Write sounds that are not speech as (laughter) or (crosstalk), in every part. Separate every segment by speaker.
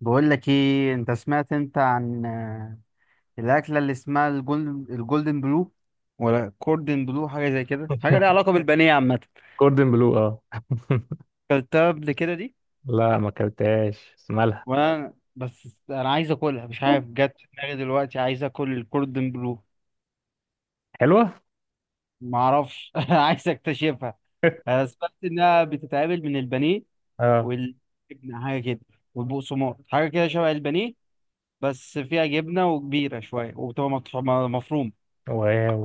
Speaker 1: بقول لك ايه، انت سمعت عن الاكله اللي اسمها الجولدن بلو، ولا كوردن بلو؟ حاجه زي كده، حاجه ليها
Speaker 2: (laughs)
Speaker 1: علاقه بالبانيه عامه.
Speaker 2: كوردن بلو، اه.
Speaker 1: اكلتها قبل كده دي؟
Speaker 2: لا، ما اكلتهاش بس مالها.
Speaker 1: وانا بس انا عايز اكلها، مش عارف، جت في دماغي دلوقتي عايز اكل الكوردن بلو.
Speaker 2: حلوه.
Speaker 1: ما اعرفش. (laughs) عايز اكتشفها.
Speaker 2: (laughs)
Speaker 1: انا سمعت انها بتتعمل من البانيه
Speaker 2: اه.
Speaker 1: والجبنه حاجه كده، والبقسماط حاجه كده شبه البانيه، بس فيها جبنه وكبيره شويه، وبتبقى مفرومه.
Speaker 2: واو،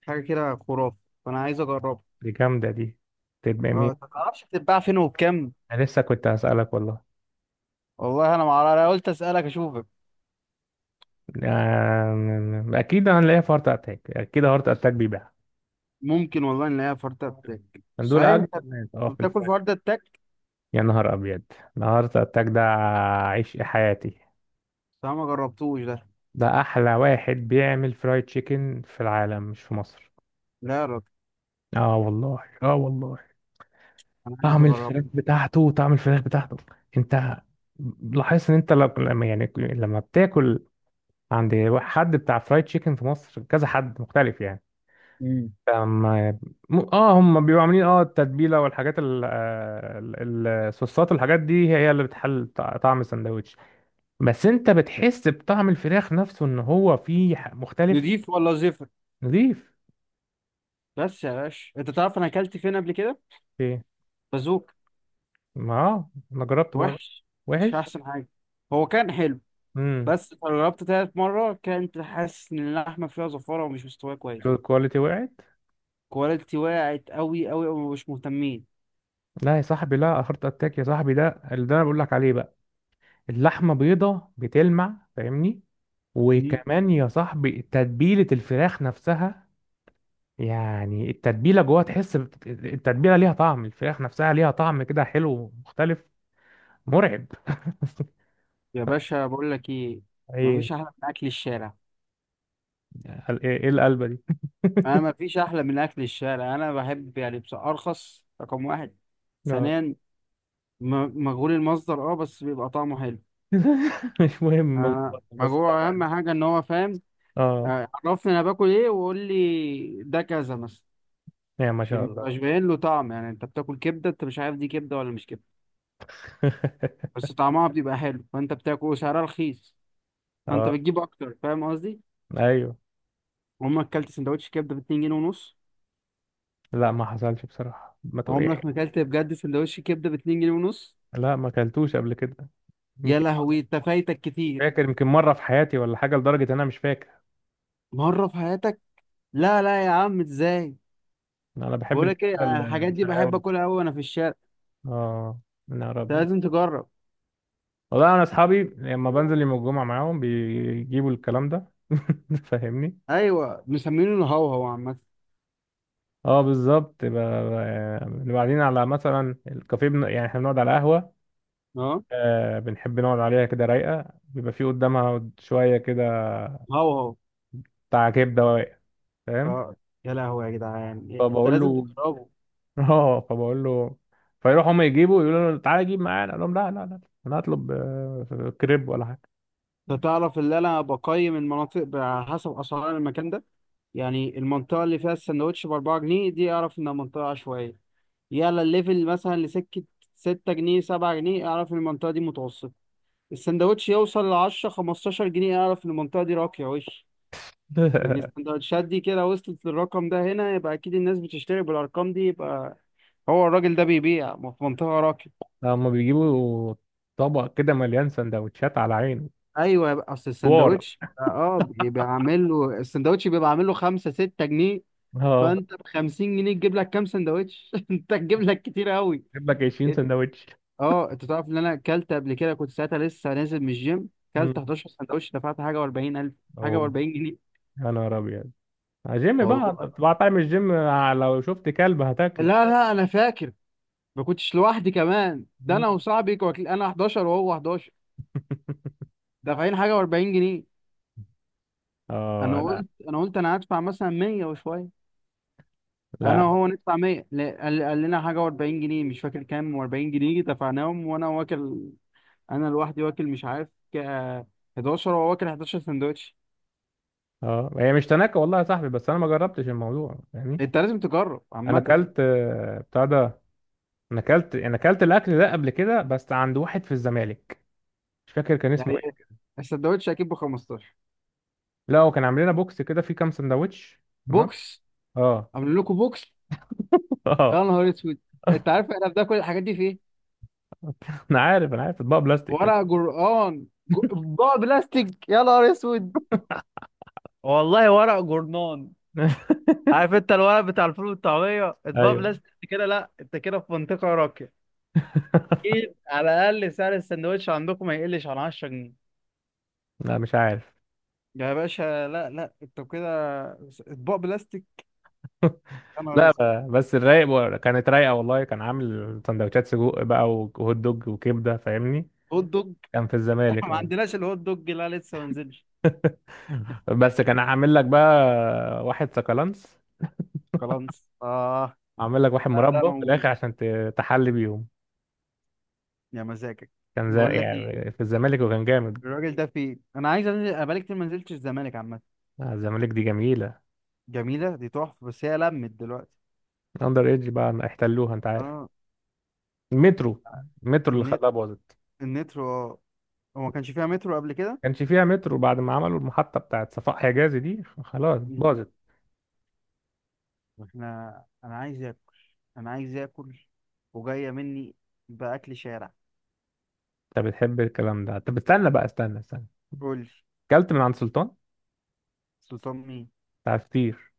Speaker 1: حاجه كده خرافه، فانا عايز اجربها.
Speaker 2: دي جامده دي. تبقى مين؟
Speaker 1: اه، انت ما تعرفش بتتباع فين وبكام؟
Speaker 2: انا لسه كنت هسألك والله.
Speaker 1: والله انا ما اعرف، انا قلت اسالك اشوفك.
Speaker 2: اكيد هنلاقيها في هارت اتاك، اكيد هارت اتاك بيبيعها.
Speaker 1: ممكن والله نلاقيها في ورده التك.
Speaker 2: دول
Speaker 1: صحيح
Speaker 2: اجمل
Speaker 1: انت
Speaker 2: ناس، اه، في
Speaker 1: بتاكل في
Speaker 2: الفاشن.
Speaker 1: ورده التك؟
Speaker 2: يا نهار ابيض، ده هارت اتاك ده. عيش حياتي.
Speaker 1: صح، ما جربتوش ده؟
Speaker 2: ده احلى واحد بيعمل فرايد تشيكن في العالم، مش في مصر.
Speaker 1: لا يا راجل،
Speaker 2: اه والله، اه والله.
Speaker 1: انا عايز
Speaker 2: طعم
Speaker 1: اجربه.
Speaker 2: الفراخ بتاعته، طعم الفراخ بتاعته. انت لاحظت ان انت لما يعني لما بتاكل عند حد بتاع فرايد تشيكن في مصر، كذا حد مختلف يعني.
Speaker 1: امم
Speaker 2: أما اه، هم بيبقوا عاملين اه التتبيله والحاجات الصوصات والحاجات دي، هي اللي بتحل طعم السندوتش. بس انت بتحس بطعم الفراخ نفسه ان هو فيه مختلف.
Speaker 1: نضيف ولا زفر؟
Speaker 2: نضيف.
Speaker 1: بس يا باشا، انت تعرف انا اكلت فين قبل كده؟
Speaker 2: ايه؟
Speaker 1: بازوك.
Speaker 2: ما اه انا جربته بقى.
Speaker 1: وحش. مش
Speaker 2: وحش.
Speaker 1: احسن حاجه. هو كان حلو،
Speaker 2: امم.
Speaker 1: بس لما جربت تالت مره كنت حاسس ان اللحمه فيها زفاره ومش مستويه كويس.
Speaker 2: الكواليتي وقعت.
Speaker 1: كواليتي وقعت قوي قوي ومش مهتمين.
Speaker 2: لا يا صاحبي، لا، هارت اتاك يا صاحبي، ده اللي ده انا بقول لك عليه بقى. اللحمه بيضه بتلمع، فاهمني. وكمان يا صاحبي، تتبيله الفراخ نفسها. يعني التتبيله جوه، تحس التتبيله ليها طعم الفراخ نفسها، ليها طعم كده حلو مختلف. مرعب.
Speaker 1: يا باشا، بقول لك ايه،
Speaker 2: ايه؟
Speaker 1: مفيش احلى من اكل الشارع.
Speaker 2: ايه إيه القلبه دي؟
Speaker 1: انا
Speaker 2: (laughs)
Speaker 1: مفيش احلى من اكل الشارع. انا بحب يعني، بس ارخص، رقم واحد.
Speaker 2: اه.
Speaker 1: ثانيا، مجهول المصدر، بس بيبقى طعمه حلو.
Speaker 2: (laughs) مش مهم، مجبور، بس
Speaker 1: مجهول، اهم
Speaker 2: طبعا.
Speaker 1: حاجه ان هو فاهم.
Speaker 2: اه،
Speaker 1: عرفني انا باكل ايه، وقول لي ده كذا مثلا،
Speaker 2: يا ما
Speaker 1: عشان
Speaker 2: شاء
Speaker 1: مبقاش
Speaker 2: الله.
Speaker 1: باين له طعم. يعني انت بتاكل كبده، انت مش عارف دي كبده ولا مش كبده،
Speaker 2: (laughs)
Speaker 1: بس طعمها بيبقى حلو، فانت بتاكل وسعرها رخيص، فانت
Speaker 2: اه.
Speaker 1: بتجيب اكتر. فاهم قصدي؟
Speaker 2: ايوه.
Speaker 1: عمرك اكلت سندوتش كبده ب 2 جنيه ونص؟
Speaker 2: لا، ما حصلش بصراحه، ما تقول.
Speaker 1: عمرك ما اكلت بجد سندوتش كبده ب 2 جنيه ونص.
Speaker 2: لا، ما اكلتوش قبل كده.
Speaker 1: يا
Speaker 2: يمكن.
Speaker 1: لهوي، انت فايتك كتير.
Speaker 2: فاكر يمكن مرة في حياتي ولا حاجة، لدرجة إن أنا مش فاكر.
Speaker 1: مره في حياتك؟ لا لا يا عم، ازاي؟
Speaker 2: أنا بحب
Speaker 1: بقولك ايه،
Speaker 2: الكبدة
Speaker 1: أنا الحاجات دي بحب
Speaker 2: الشرقاوي.
Speaker 1: اكلها قوي وانا في الشارع.
Speaker 2: آه. يا
Speaker 1: انت
Speaker 2: ربي.
Speaker 1: لازم تجرب.
Speaker 2: والله أنا أصحابي لما بنزل يوم الجمعة معاهم بيجيبوا الكلام ده. (laughs) فاهمني.
Speaker 1: ايوه، مسمينه الهوهو عامه.
Speaker 2: اه بالظبط، بنبقى قاعدين على مثلا الكافيه يعني احنا بنقعد على قهوة.
Speaker 1: اه،
Speaker 2: آه، بنحب نقعد عليها كده رايقة، بيبقى في قدامها شوية كده.
Speaker 1: هوهو.
Speaker 2: بتاع كبدة واقع. فاهم.
Speaker 1: اه، يا لهوي يا جدعان، انت
Speaker 2: فبقول
Speaker 1: لازم
Speaker 2: له.
Speaker 1: تجربه.
Speaker 2: (laughs) اه، فبقول له. فيروح هم يجيبوا، يقولوا له تعالى جيب معانا، اقول لهم لا لا لا. انا هطلب كريب ولا حاجه.
Speaker 1: انت تعرف ان انا بقيم المناطق على حسب اسعار المكان ده؟ يعني المنطقه اللي فيها السندوتش ب 4 جنيه دي، اعرف انها منطقه عشوائيه. يلا الليفل مثلا لسكة، ستة جنيه سبعة جنيه، اعرف ان المنطقة دي متوسطة. السندوتش يوصل لعشرة خمستاشر جنيه، اعرف ان المنطقة دي راقية وش. لأن
Speaker 2: (laughs)
Speaker 1: السندوتشات دي كده وصلت للرقم ده هنا، يبقى أكيد الناس بتشتري بالأرقام دي، يبقى هو الراجل ده بيبيع في منطقة راقية.
Speaker 2: لا، هم بيجيبوا طبق كده مليان سندوتشات على عينه.
Speaker 1: أيوة، يبقى أصل
Speaker 2: دوار.
Speaker 1: السندوتش بيبقى عامل له (laughs) السندوتش بيبقى عامل له خمسة ستة جنيه.
Speaker 2: اه.
Speaker 1: فأنت بخمسين جنيه تجيب لك كام سندوتش؟ (laughs) أنت تجيب لك كتير أوي.
Speaker 2: جيب لك 20 سندوتش.
Speaker 1: اه، انت تعرف ان انا اكلت قبل كده؟ كنت ساعتها لسه نازل من الجيم. اكلت
Speaker 2: امم.
Speaker 1: 11 سندوتش، دفعت حاجه و40 الف، حاجه
Speaker 2: اوه.
Speaker 1: و40 جنيه.
Speaker 2: يا نهار ابيض. جيم بقى
Speaker 1: والله.
Speaker 2: طبعا، طعم الجيم، لو شفت كلب
Speaker 1: لا
Speaker 2: هتاكله.
Speaker 1: لا، انا فاكر. ما كنتش لوحدي كمان، ده
Speaker 2: مم.
Speaker 1: انا وصاحبي كواكل، انا 11 وهو 11. دافعين حاجه و40 جنيه.
Speaker 2: اه.
Speaker 1: انا
Speaker 2: لا.
Speaker 1: قلت، انا هدفع مثلا 100 وشويه.
Speaker 2: لا.
Speaker 1: انا وهو ندفع 100؟ لا، قال لنا حاجه و40 جنيه، مش فاكر كام و40 جنيه، دفعناهم وانا واكل. انا لوحدي واكل، مش عارف، 11 وهو واكل 11 سندوتش.
Speaker 2: اه هي مش تناكة والله يا صاحبي، بس انا ما جربتش الموضوع يعني.
Speaker 1: انت لازم تجرب
Speaker 2: انا
Speaker 1: عامه.
Speaker 2: اكلت بتاع ده. انا اكلت الاكل ده قبل كده بس عند واحد في الزمالك. مش فاكر كان
Speaker 1: يعني
Speaker 2: اسمه
Speaker 1: ايه،
Speaker 2: ايه.
Speaker 1: السندوتش اكيد ب 15؟
Speaker 2: لا، هو كان عامل لنا بوكس كده فيه كام سندوتش. تمام.
Speaker 1: بوكس.
Speaker 2: اه.
Speaker 1: عاملين لكم بوكس؟
Speaker 2: (laughs)
Speaker 1: يا
Speaker 2: اه.
Speaker 1: نهار اسود. انت عارف احنا بناكل الحاجات دي في ايه؟
Speaker 2: انا عارف، انا عارف، اطباق بلاستيك كده.
Speaker 1: ورق جرآن، بقى بلاستيك يا نهار اسود؟ والله ورق جورنان.
Speaker 2: (laughs)
Speaker 1: عارف انت الورق بتاع الفول والطعميه؟ اطباق
Speaker 2: ايوه.
Speaker 1: بلاستيك انت كده؟ لا، انت كده في منطقه راقيه. اكيد على الاقل سعر السندوتش عندكم ما يقلش عن 10 جنيه.
Speaker 2: لا، مش عارف.
Speaker 1: يا باشا، لا لا، انت كده اطباق بلاستيك؟ يا نهار
Speaker 2: لا،
Speaker 1: اسود.
Speaker 2: بس كانت رايقه والله، كان عامل سندوتشات سجق بقى وهوت دوج وكبده، فاهمني.
Speaker 1: هوت دوج؟
Speaker 2: كان في
Speaker 1: (laughs)
Speaker 2: الزمالك،
Speaker 1: ما
Speaker 2: اه.
Speaker 1: عندناش الهوت دوج، لا لسه ما نزلش.
Speaker 2: (laughs) بس كان عامل لك بقى واحد سكالانس.
Speaker 1: خلاص، اه.
Speaker 2: عامل لك واحد
Speaker 1: لا، ده
Speaker 2: مربى في
Speaker 1: موجود.
Speaker 2: الاخر عشان تحلي بيهم.
Speaker 1: يا مزاجك.
Speaker 2: كان زي
Speaker 1: بقول لك ايه،
Speaker 2: يعني في الزمالك وكان جامد.
Speaker 1: الراجل ده فين؟ انا عايز انزل، انا بقالي كتير ما نزلتش الزمالك عامه.
Speaker 2: الزمالك دي جميلة.
Speaker 1: جميله دي تحفه، بس هي لمت دلوقتي.
Speaker 2: اندر ايدج بقى ما احتلوها، انت عارف.
Speaker 1: اه.
Speaker 2: المترو. المترو اللي
Speaker 1: النت
Speaker 2: خلاها باظت.
Speaker 1: النترو، اه. هو ما كانش فيها مترو قبل كده؟
Speaker 2: كانش فيها مترو بعد ما عملوا المحطة بتاعت صفاء حجازي دي، خلاص
Speaker 1: مم.
Speaker 2: باظت.
Speaker 1: احنا انا عايز اكل، انا عايز اكل، وجايه مني باكل شارع.
Speaker 2: انت بتحب الكلام ده؟ طب استنى بقى، استنى استنى.
Speaker 1: قول لي.
Speaker 2: اكلت من عند سلطان.
Speaker 1: سلطان مين؟
Speaker 2: بتاع فطير.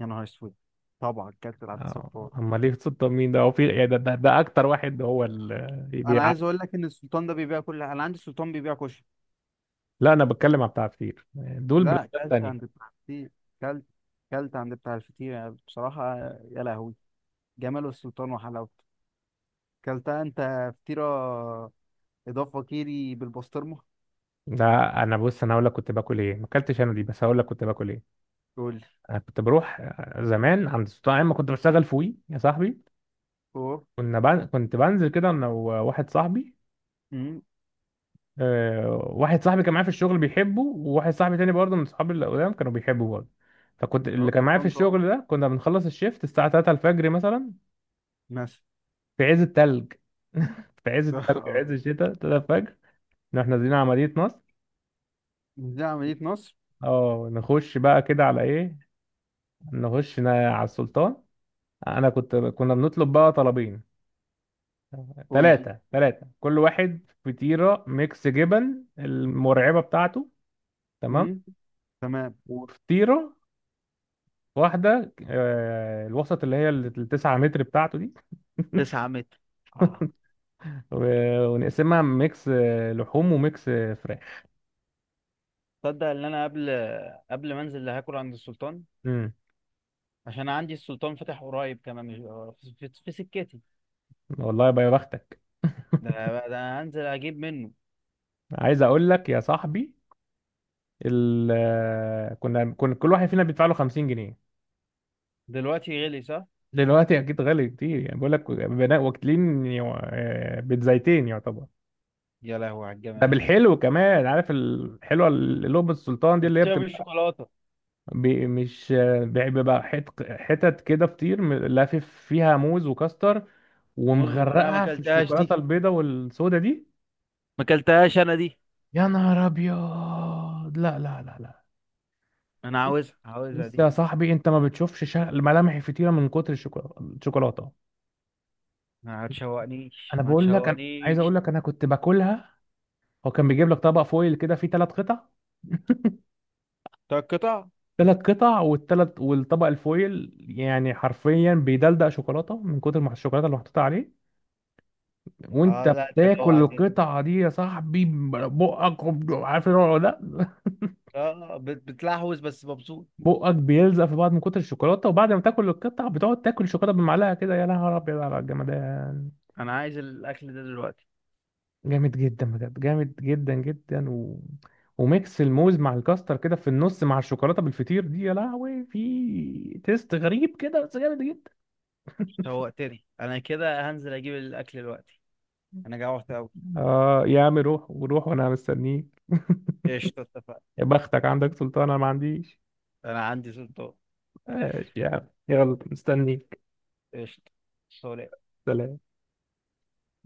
Speaker 1: يا نهار اسود. طبعا، كابتن عبد السلطان.
Speaker 2: اما ليه سلطان مين ده؟ هو في إيه ده, اكتر واحد هو اللي
Speaker 1: انا
Speaker 2: بيع.
Speaker 1: عايز اقول لك ان السلطان ده بيبيع كل، انا عندي السلطان بيبيع كشري.
Speaker 2: لا، انا بتكلم على بتاع فطير. دول
Speaker 1: لا،
Speaker 2: براندات
Speaker 1: كلت
Speaker 2: تانية.
Speaker 1: عند بتاع الفطير. كلت كلت عند بتاع الفطير، يعني بصراحة، يا لهوي جمال السلطان وحلاوته. كلتها انت فطيرة إضافة كيري بالبسطرمة؟
Speaker 2: ده انا بص، انا هقول لك كنت باكل ايه. ما اكلتش انا دي، بس هقول لك كنت باكل ايه.
Speaker 1: قول لي.
Speaker 2: انا كنت بروح زمان عند سلطان ايام ما كنت بشتغل في وي يا صاحبي.
Speaker 1: أوه.
Speaker 2: كنت بنزل كده انا وواحد صاحبي.
Speaker 1: أمم.
Speaker 2: واحد صاحبي كان معايا في الشغل بيحبه، وواحد صاحبي تاني برضه من صحابي اللي قدام كانوا بيحبوا برضه. فكنت
Speaker 1: أهو
Speaker 2: اللي كان معايا في
Speaker 1: السلطان تحفة.
Speaker 2: الشغل ده، كنا بنخلص الشيفت الساعة 3 الفجر مثلا.
Speaker 1: مثلا.
Speaker 2: في عز التلج. (laughs) في عز
Speaker 1: (laughs)
Speaker 2: التلج،
Speaker 1: أه.
Speaker 2: عز الشتاء، 3 الفجر. نروح نازلين عملية نصر.
Speaker 1: دي عملية نصر.
Speaker 2: اه. نخش بقى كده على ايه؟ على السلطان. انا كنا بنطلب بقى طلبين.
Speaker 1: قول لي.
Speaker 2: ثلاثة ثلاثة، كل واحد فطيرة ميكس جبن المرعبة بتاعته. تمام.
Speaker 1: أمم. تمام.
Speaker 2: وفطيره واحده، الوسط اللي هي التسعة متر بتاعته دي.
Speaker 1: 9 متر، اه.
Speaker 2: ونقسمها ميكس لحوم وميكس فراخ.
Speaker 1: تصدق ان انا قبل ما انزل هاكل عند السلطان؟
Speaker 2: امم
Speaker 1: عشان عندي السلطان فاتح قريب كمان، في سكتي.
Speaker 2: والله يبقى يا بختك.
Speaker 1: ده انا هنزل اجيب منه.
Speaker 2: عايز اقول لك يا صاحبي، ال آه، كنا كل واحد فينا بيدفع له 50 جنيه.
Speaker 1: دلوقتي غلي صح.
Speaker 2: دلوقتي اكيد غالي كتير يعني. بقول لك بناء واكلين بيتزايتين يعتبر.
Speaker 1: يا لهوي على
Speaker 2: ده
Speaker 1: الجمال.
Speaker 2: بالحلو كمان. عارف الحلوه اللي لب السلطان دي اللي هي
Speaker 1: الفطيرة
Speaker 2: بتبقى
Speaker 1: بالشوكولاتة.
Speaker 2: مش بيبقى حتت كده فطير لافف فيها موز وكاستر،
Speaker 1: موز لا، ما
Speaker 2: ومغرقها في
Speaker 1: اكلتهاش دي،
Speaker 2: الشوكولاته البيضه والسودا دي.
Speaker 1: ما اكلتهاش انا دي.
Speaker 2: يا نهار ابيض. لا لا لا لا.
Speaker 1: انا عاوزها، عاوزها
Speaker 2: بص
Speaker 1: دي.
Speaker 2: يا صاحبي، انت ما بتشوفش ملامح الفطيره من كتر الشوكولاته. الشوكولاته،
Speaker 1: ما تشوقنيش
Speaker 2: انا
Speaker 1: ما
Speaker 2: بقول لك، انا عايز اقول
Speaker 1: تشوقنيش.
Speaker 2: لك، انا كنت باكلها. هو كان بيجيب لك طبق فويل كده فيه 3 قطع. (laughs)
Speaker 1: طب قطع.
Speaker 2: 3 قطع، والثلاث والطبق الفويل يعني حرفيا بيدلدق شوكولاته من كتر ما الشوكولاته اللي محطوطه عليه.
Speaker 1: اه
Speaker 2: وانت
Speaker 1: لا، انت
Speaker 2: بتاكل
Speaker 1: جوعتني.
Speaker 2: القطعه دي يا صاحبي، بقك عارف الوضع ده. (laughs)
Speaker 1: اه، بتلحوز بس مبسوط.
Speaker 2: بقك بيلزق في بعض من كتر الشوكولاته. وبعد ما تاكل القطعه بتقعد تاكل الشوكولاته بالمعلقه كده. يا نهار ابيض على الجمدان.
Speaker 1: انا عايز الاكل ده دلوقتي.
Speaker 2: جامد جدا بجد، جامد جدا جدا، و... وميكس الموز مع الكاستر كده في النص مع الشوكولاته بالفطير دي، يا لهوي، في تيست غريب كده بس جامد جدا.
Speaker 1: شوقتني، انا كده هنزل اجيب الاكل دلوقتي. انا جوعت قوي.
Speaker 2: اه يا عم، روح، وروح وانا مستنيك. (laughs)
Speaker 1: قشطة، اتفقنا.
Speaker 2: يا بختك عندك سلطان، انا ما عنديش.
Speaker 1: انا عندي سلطان.
Speaker 2: ماشي يا عم، يلا مستنيك.
Speaker 1: قشطة. سلام.
Speaker 2: سلام.